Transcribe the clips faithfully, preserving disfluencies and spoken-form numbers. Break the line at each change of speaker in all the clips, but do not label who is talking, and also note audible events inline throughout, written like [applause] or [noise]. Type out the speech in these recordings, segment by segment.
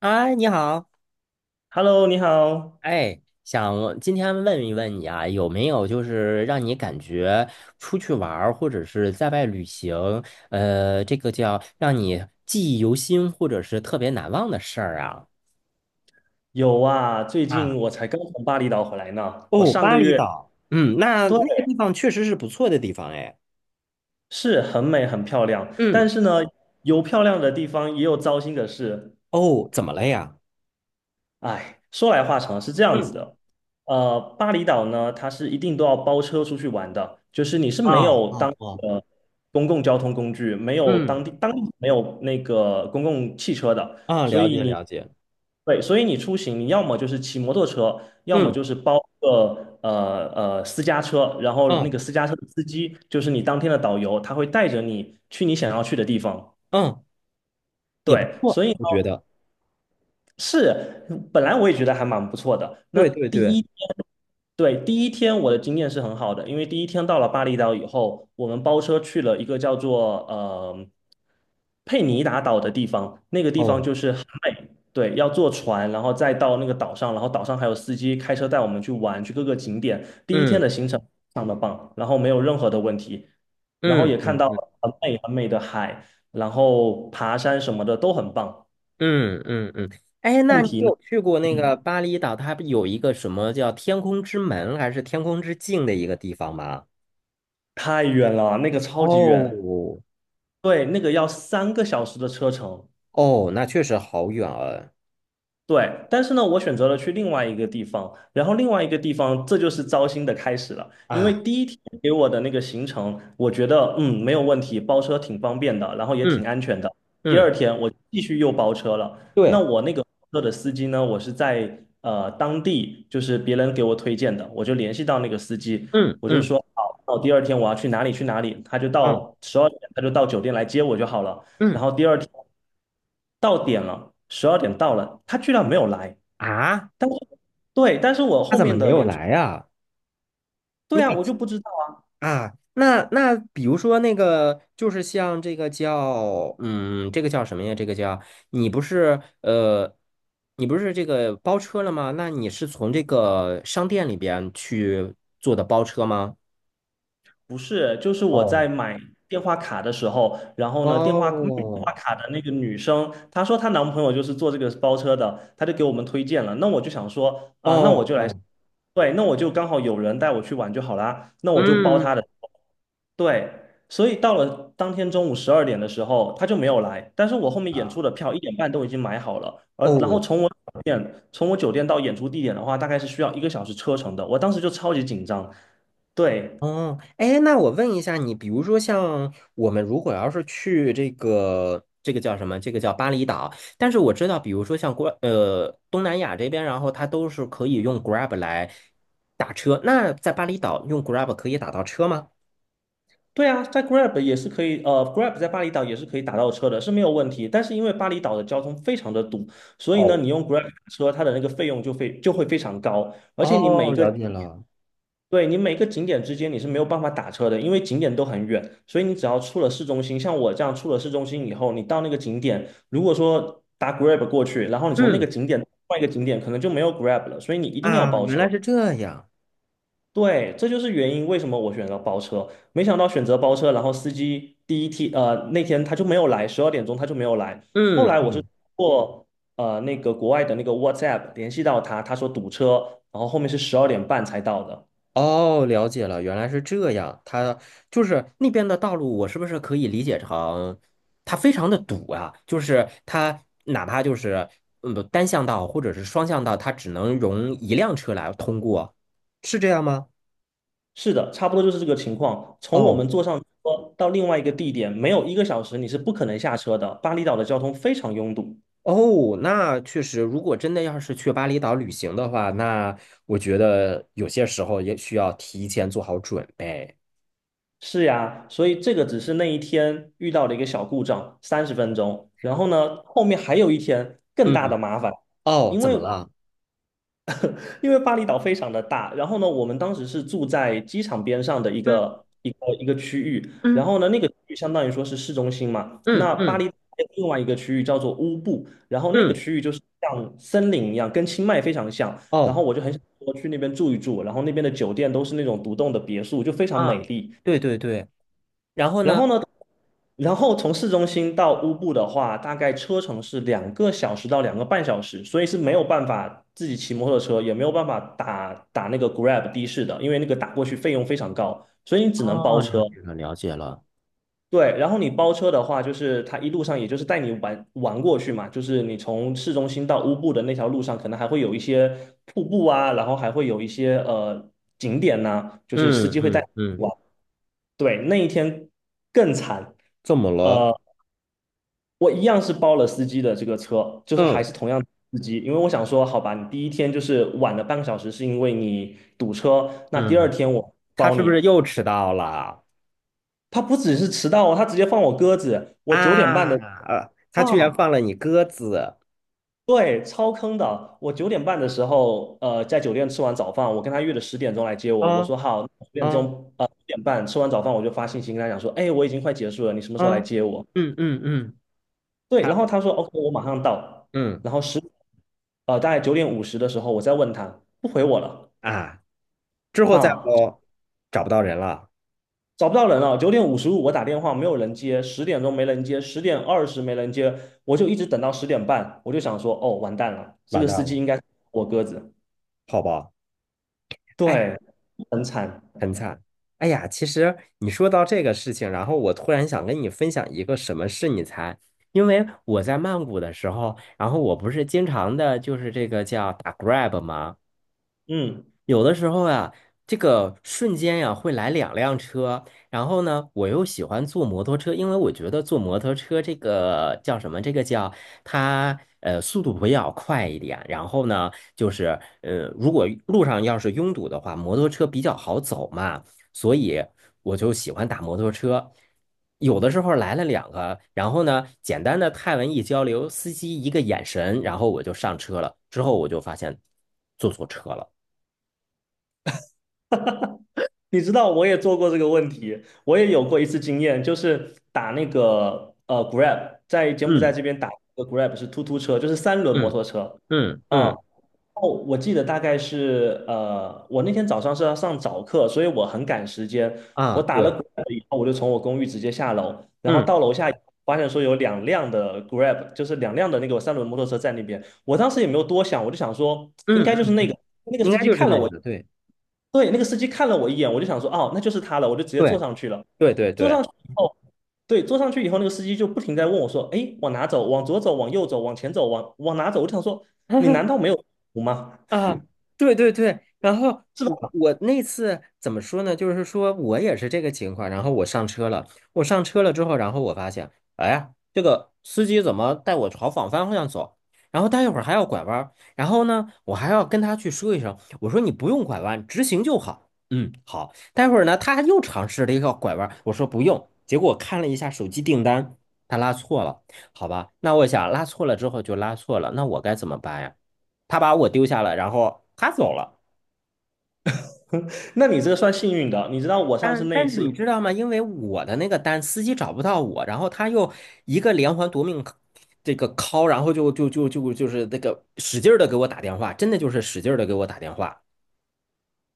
哎，你好，
Hello，你好。
哎，想今天问一问你啊，有没有就是让你感觉出去玩儿或者是在外旅行，呃，这个叫让你记忆犹新或者是特别难忘的事儿啊？
有啊，最近
啊，
我才刚从巴厘岛回来呢。我
哦，
上
巴
个
厘
月，
岛，嗯，那
对，
那个地方确实是不错的地方哎。
是很美很漂亮，
嗯
但是呢，有漂亮的地方，也有糟心的事。
哦，怎么了呀？
哎，说来话长，是这样子
嗯
的，呃，巴厘岛呢，它是一定都要包车出去玩的，就是你是
啊，
没有当
啊，哦，
呃公共交通工具，没有当
嗯
地当地没有那个公共汽车的，
啊，
所
了
以
解
你
了解，
对，所以你出行，你要么就是骑摩托车，要么
嗯
就是包个呃呃私家车，然后那
嗯
个私家车的司机就是你当天的导游，他会带着你去你想要去的地方。
嗯，也不
对，
错，
所以。
我觉得，
是，嗯本来我也觉得还蛮不错的。那
对对
第
对，
一天，对，第一天我的经验是很好的，因为第一天到了巴厘岛以后，我们包车去了一个叫做呃佩尼达岛的地方，那个地方
哦，
就是很美，对，要坐船，然后再到那个岛上，然后岛上还有司机开车带我们去玩，去各个景点。第一天的
嗯
行程非常的棒，然后没有任何的问题，然后也
嗯
看
嗯
到
嗯
了很美很美的海，然后爬山什么的都很棒。
嗯嗯嗯，哎，那
问
你
题呢？
有去过那个巴厘岛？它有一个什么叫天空之门还是天空之镜的一个地方吗？
太远了，那个超级
哦
远，对，那个要三个小时的车程。
哦，那确实好远啊
对，但是呢，我选择了去另外一个地方，然后另外一个地方，这就是糟心的开始了。因为
啊！
第一天给我的那个行程，我觉得嗯没有问题，包车挺方便的，然后也挺
嗯
安全的。第二
嗯，
天我继续又包车了，那
对，
我那个包车的司机呢，我是在呃当地，就是别人给我推荐的，我就联系到那个司机，
嗯
我就
嗯
说好，那我第二天我要去哪里去哪里，他就
啊
到十二点他就到酒店来接我就好了。然
嗯
后第二天到点了，十二点到了，他居然没有来。
啊，
但是，对，但是我
他
后
怎么
面
没
的
有
演出，
来啊？
对啊，我就不知道啊，
啊，那那比如说那个，就是像这个叫，嗯，这个叫什么呀？这个叫你不是呃，你不是这个包车了吗？那你是从这个商店里边去做的包车吗？
不是，就是我
哦，
在买电话卡的时候，然后呢，电话卖电话
哦
卡的那个女生，她说她男朋友就是做这个包车的，她就给我们推荐了。那我就想说啊，那我
哦
就来，
哦，
对，那我就刚好有人带我去玩就好啦，那我就包他
嗯。
的。对，所以到了当天中午十二点的时候，他就没有来。但是我后面演出
啊，
的票一点半都已经买好了，而然后
哦，
从我酒店从我酒店到演出地点的话，大概是需要一个小时车程的。我当时就超级紧张，对，
哦，哎，那我问一下你，比如说像我们如果要是去这个这个叫什么，这个叫巴厘岛，但是我知道，比如说像国呃东南亚这边，然后它都是可以用 Grab 来打车，那在巴厘岛用 Grab 可以打到车吗？
对啊，在 Grab 也是可以，呃，Grab 在巴厘岛也是可以打到车的，是没有问题。但是因为巴厘岛的交通非常的堵，所以呢，
哦，
你用 Grab 打车，它的那个费用就非就会非常高，而且你每
哦，
一
了
个
解了。
对，你每个景点之间你是没有办法打车的，因为景点都很远，所以你只要出了市中心，像我这样出了市中心以后，你到那个景点，如果说打 Grab 过去，然后你从那个
嗯，
景点到另外一个景点，可能就没有 Grab 了，所以你一定要
啊，
包
原来
车。
是这样。
对，这就是原因，为什么我选择包车。没想到选择包车，然后司机第一天，呃，那天他就没有来，十二点钟他就没有来。后来我是
嗯。
通过呃那个国外的那个 WhatsApp 联系到他，他说堵车，然后后面是十二点半才到的。
哦，了解了，原来是这样。它就是那边的道路，我是不是可以理解成它非常的堵啊？就是它哪怕就是嗯单向道或者是双向道，它只能容一辆车来通过，是这样吗？
是的，差不多就是这个情况。从我们
哦
坐上车到另外一个地点，没有一个小时，你是不可能下车的。巴厘岛的交通非常拥堵。
哦，那确实，如果真的要是去巴厘岛旅行的话，那我觉得有些时候也需要提前做好准备。
是呀，所以这个只是那一天遇到的一个小故障，三十分钟。然后呢，后面还有一天更大
嗯，
的麻烦，
哦，
因
怎
为
么了？
因为巴厘岛非常的大，然后呢，我们当时是住在机场边上的一
嗯
个一个一个区域，然
嗯
后呢，那个区域相当于说是市中心嘛。
嗯
那巴
嗯
厘岛还有另外一个区域叫做乌布，然后那个
嗯，
区域就是像森林一样，跟清迈非常像。然
哦
后我就很想说去那边住一住，然后那边的酒店都是那种独栋的别墅，就非常美
啊，
丽。
对对对。然后
然
呢，
后呢，然后从市中心到乌布的话，大概车程是两个小时到两个半小时，所以是没有办法自己骑摩托车，也没有办法打打那个 Grab 的士的，因为那个打过去费用非常高，所以你只能包
哦，了
车。
解了，了解了。
对，然后你包车的话，就是他一路上也就是带你玩玩过去嘛，就是你从市中心到乌布的那条路上，可能还会有一些瀑布啊，然后还会有一些呃景点呐、就是司
嗯
机会带
嗯
你
嗯，
玩。对，那一天更惨。
怎么了？
呃。我一样是包了司机的这个车，就是还
嗯
是同样的司机，因为我想说，好吧，你第一天就是晚了半个小时，是因为你堵车，那第二
嗯，
天我
他
包
是不
你。
是又迟到了啊？
他不只是迟到哦，他直接放我鸽子。我九点半的
呃，他居然放
啊，
了你鸽子
对，超坑的。我九点半的时候，呃，在酒店吃完早饭，我跟他约了十点钟来接我。我
啊
说好，九点
啊
钟，呃，九点半吃完早饭，我就发信息跟他讲说，哎，我已经快结束了，你什么时候
啊！
来接我？
嗯嗯嗯
对，
他
然后他说 OK，我马上到。
嗯，
然后十呃大概九点五十的时候，我再问他，不回我了
啊！之后再
啊，
我找不到人了，
找不到人了。九点五十五我打电话没有人接，十点钟没人接，十点二十没人接，我就一直等到十点半，我就想说哦完蛋了，这
完
个司
蛋
机
了。
应该是我鸽子，
好吧？哎。
对，很惨。
很惨。哎呀，其实你说到这个事情，然后我突然想跟你分享一个什么事，你猜？因为我在曼谷的时候，然后我不是经常的，就是这个叫打 Grab 吗？
嗯，
有的时候啊，这个瞬间呀、会来两辆车，然后呢，我又喜欢坐摩托车，因为我觉得坐摩托车这个叫什么？这个叫它呃速度比较快一点，然后呢，就是呃如果路上要是拥堵的话，摩托车比较好走嘛，所以我就喜欢打摩托车。有的时候来了两个，然后呢，简单的泰文一交流，司机一个眼神，然后我就上车了，之后我就发现坐错车了。
你知道我也做过这个问题，我也有过一次经验，就是打那个呃 Grab，在柬埔寨
嗯。
这边打那个 Grab 是突突车，就是三轮摩
嗯
托车。
嗯
啊，
嗯
哦，我记得大概是呃，我那天早上是要上早课，所以我很赶时间。
啊，
我打了
对，
Grab 以后，我就从我公寓直接下楼，然后
嗯
到楼下以后发现说有两辆的 Grab，就是两辆的那个三轮摩托车在那边。我当时也没有多想，我就想说应
嗯
该就是那
嗯，
个那个
应
司
该
机
就是
看了
那
我，
个，对
对，那个司机看了我一眼，我就想说哦，那就是他了，我就直接坐
对
上去了。
对对
坐上
对，
去以后，对，坐上去以后，那个司机就不停在问我说：“哎，往哪走？往左走？往右走？往前走？往往哪走？”我就想说，你难
[laughs]
道没有图吗？
啊，对对对，然后
[laughs] 是
我
吧？
我那次怎么说呢？就是说我也是这个情况，然后我上车了，我上车了之后，然后我发现，哎呀，这个司机怎么带我朝反方向走？然后待一会儿还要拐弯儿然后呢，我还要跟他去说一声，我说你不用拐弯，直行就好。嗯，好。待会儿呢，他又尝试了一个拐弯儿我说不用，结果我看了一下手机订单，他拉错了，好吧？那我想拉错了之后就拉错了，那我该怎么办呀？他把我丢下了，然后他走了。
那你这个算幸运的，你知道我上次
但
那一
但是你
次
知道吗？因为我的那个单，司机找不到我，然后他又一个连环夺命 c- 这个 call,然后就就就就就是那个使劲的给我打电话，真的就是使劲的给我打电话。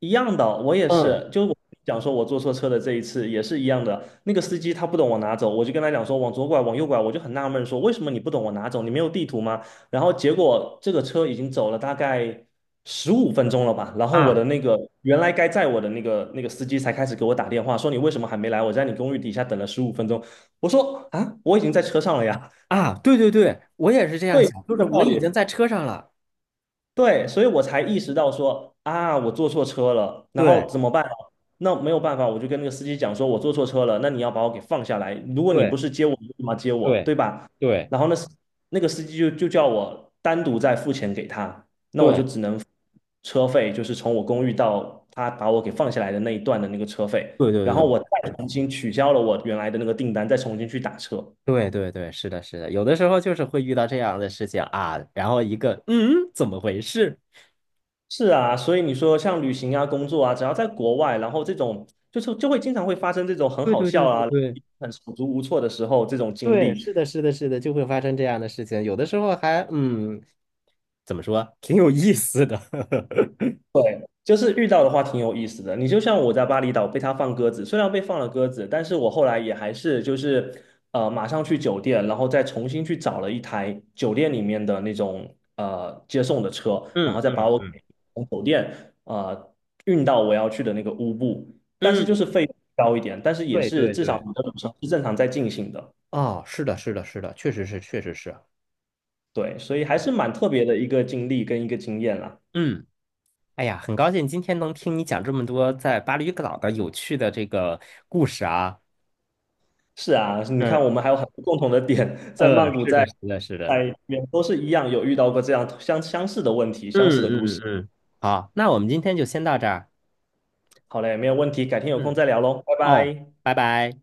一样的，我也
嗯
是，就是我讲说我坐错车的这一次也是一样的。那个司机他不懂往哪走，我就跟他讲说往左拐，往右拐，我就很纳闷说为什么你不懂我哪走，你没有地图吗？然后结果这个车已经走了大概十五分钟了吧，然后我的
啊
那个原来该载我的那个那个司机才开始给我打电话说你为什么还没来？我在你公寓底下等了十五分钟。我说啊，我已经在车上了呀，
啊，对对对，我也是这样
对，
想，
这
就是
个
我
道
已经
理。
在车上了。
对，所以我才意识到说啊，我坐错车了，然后
对
怎么办呢，那没有办法，我就跟那个司机讲说，我坐错车了，那你要把我给放下来。如果你不
对
是接我，你干嘛接我，
对
对吧？
对
然后那司那个司机就就叫我单独再付钱给他，那我就
对
只能付车费，就是从我公寓到他把我给放下来的那一段的那个车费，
对对
然后我
对。
再重新取消了我原来的那个订单，再重新去打车。
对对对，是的，是的，有的时候就是会遇到这样的事情啊，然后一个嗯，怎么回事？
是啊，所以你说像旅行啊、工作啊，只要在国外，然后这种就是就会经常会发生这种很
对
好
对
笑
对对
啊、
对
很手足无措的时候这种经
对，
历。
是的，是的，是的，就会发生这样的事情。有的时候还嗯，怎么说，挺有意思的。[laughs]
对，就是遇到的话挺有意思的。你就像我在巴厘岛被他放鸽子，虽然被放了鸽子，但是我后来也还是就是呃马上去酒店，然后再重新去找了一台酒店里面的那种呃接送的车，然
嗯
后再
嗯
把我
嗯
给从酒店呃运到我要去的那个乌布，但是就
嗯，
是费用高一点，但是也
对
是
对
至少
对，
你的旅程是正常在进行的。
哦，是的，是的，是的，确实是，确实是。
对，所以还是蛮特别的一个经历跟一个经验啦。
嗯，哎呀，很高兴今天能听你讲这么多在巴厘岛的有趣的这个故事啊。
是啊，你看
嗯，
我们还有很多共同的点，在曼
呃，
谷
是
在，
的，是的，是的。
在这边都是一样，有遇到过这样相相似的问题，相似的
嗯
故
嗯
事。
嗯，好，那我们今天就先到这儿。
好嘞，没有问题，改天有空
嗯，
再聊喽，拜
哦，
拜。
拜拜。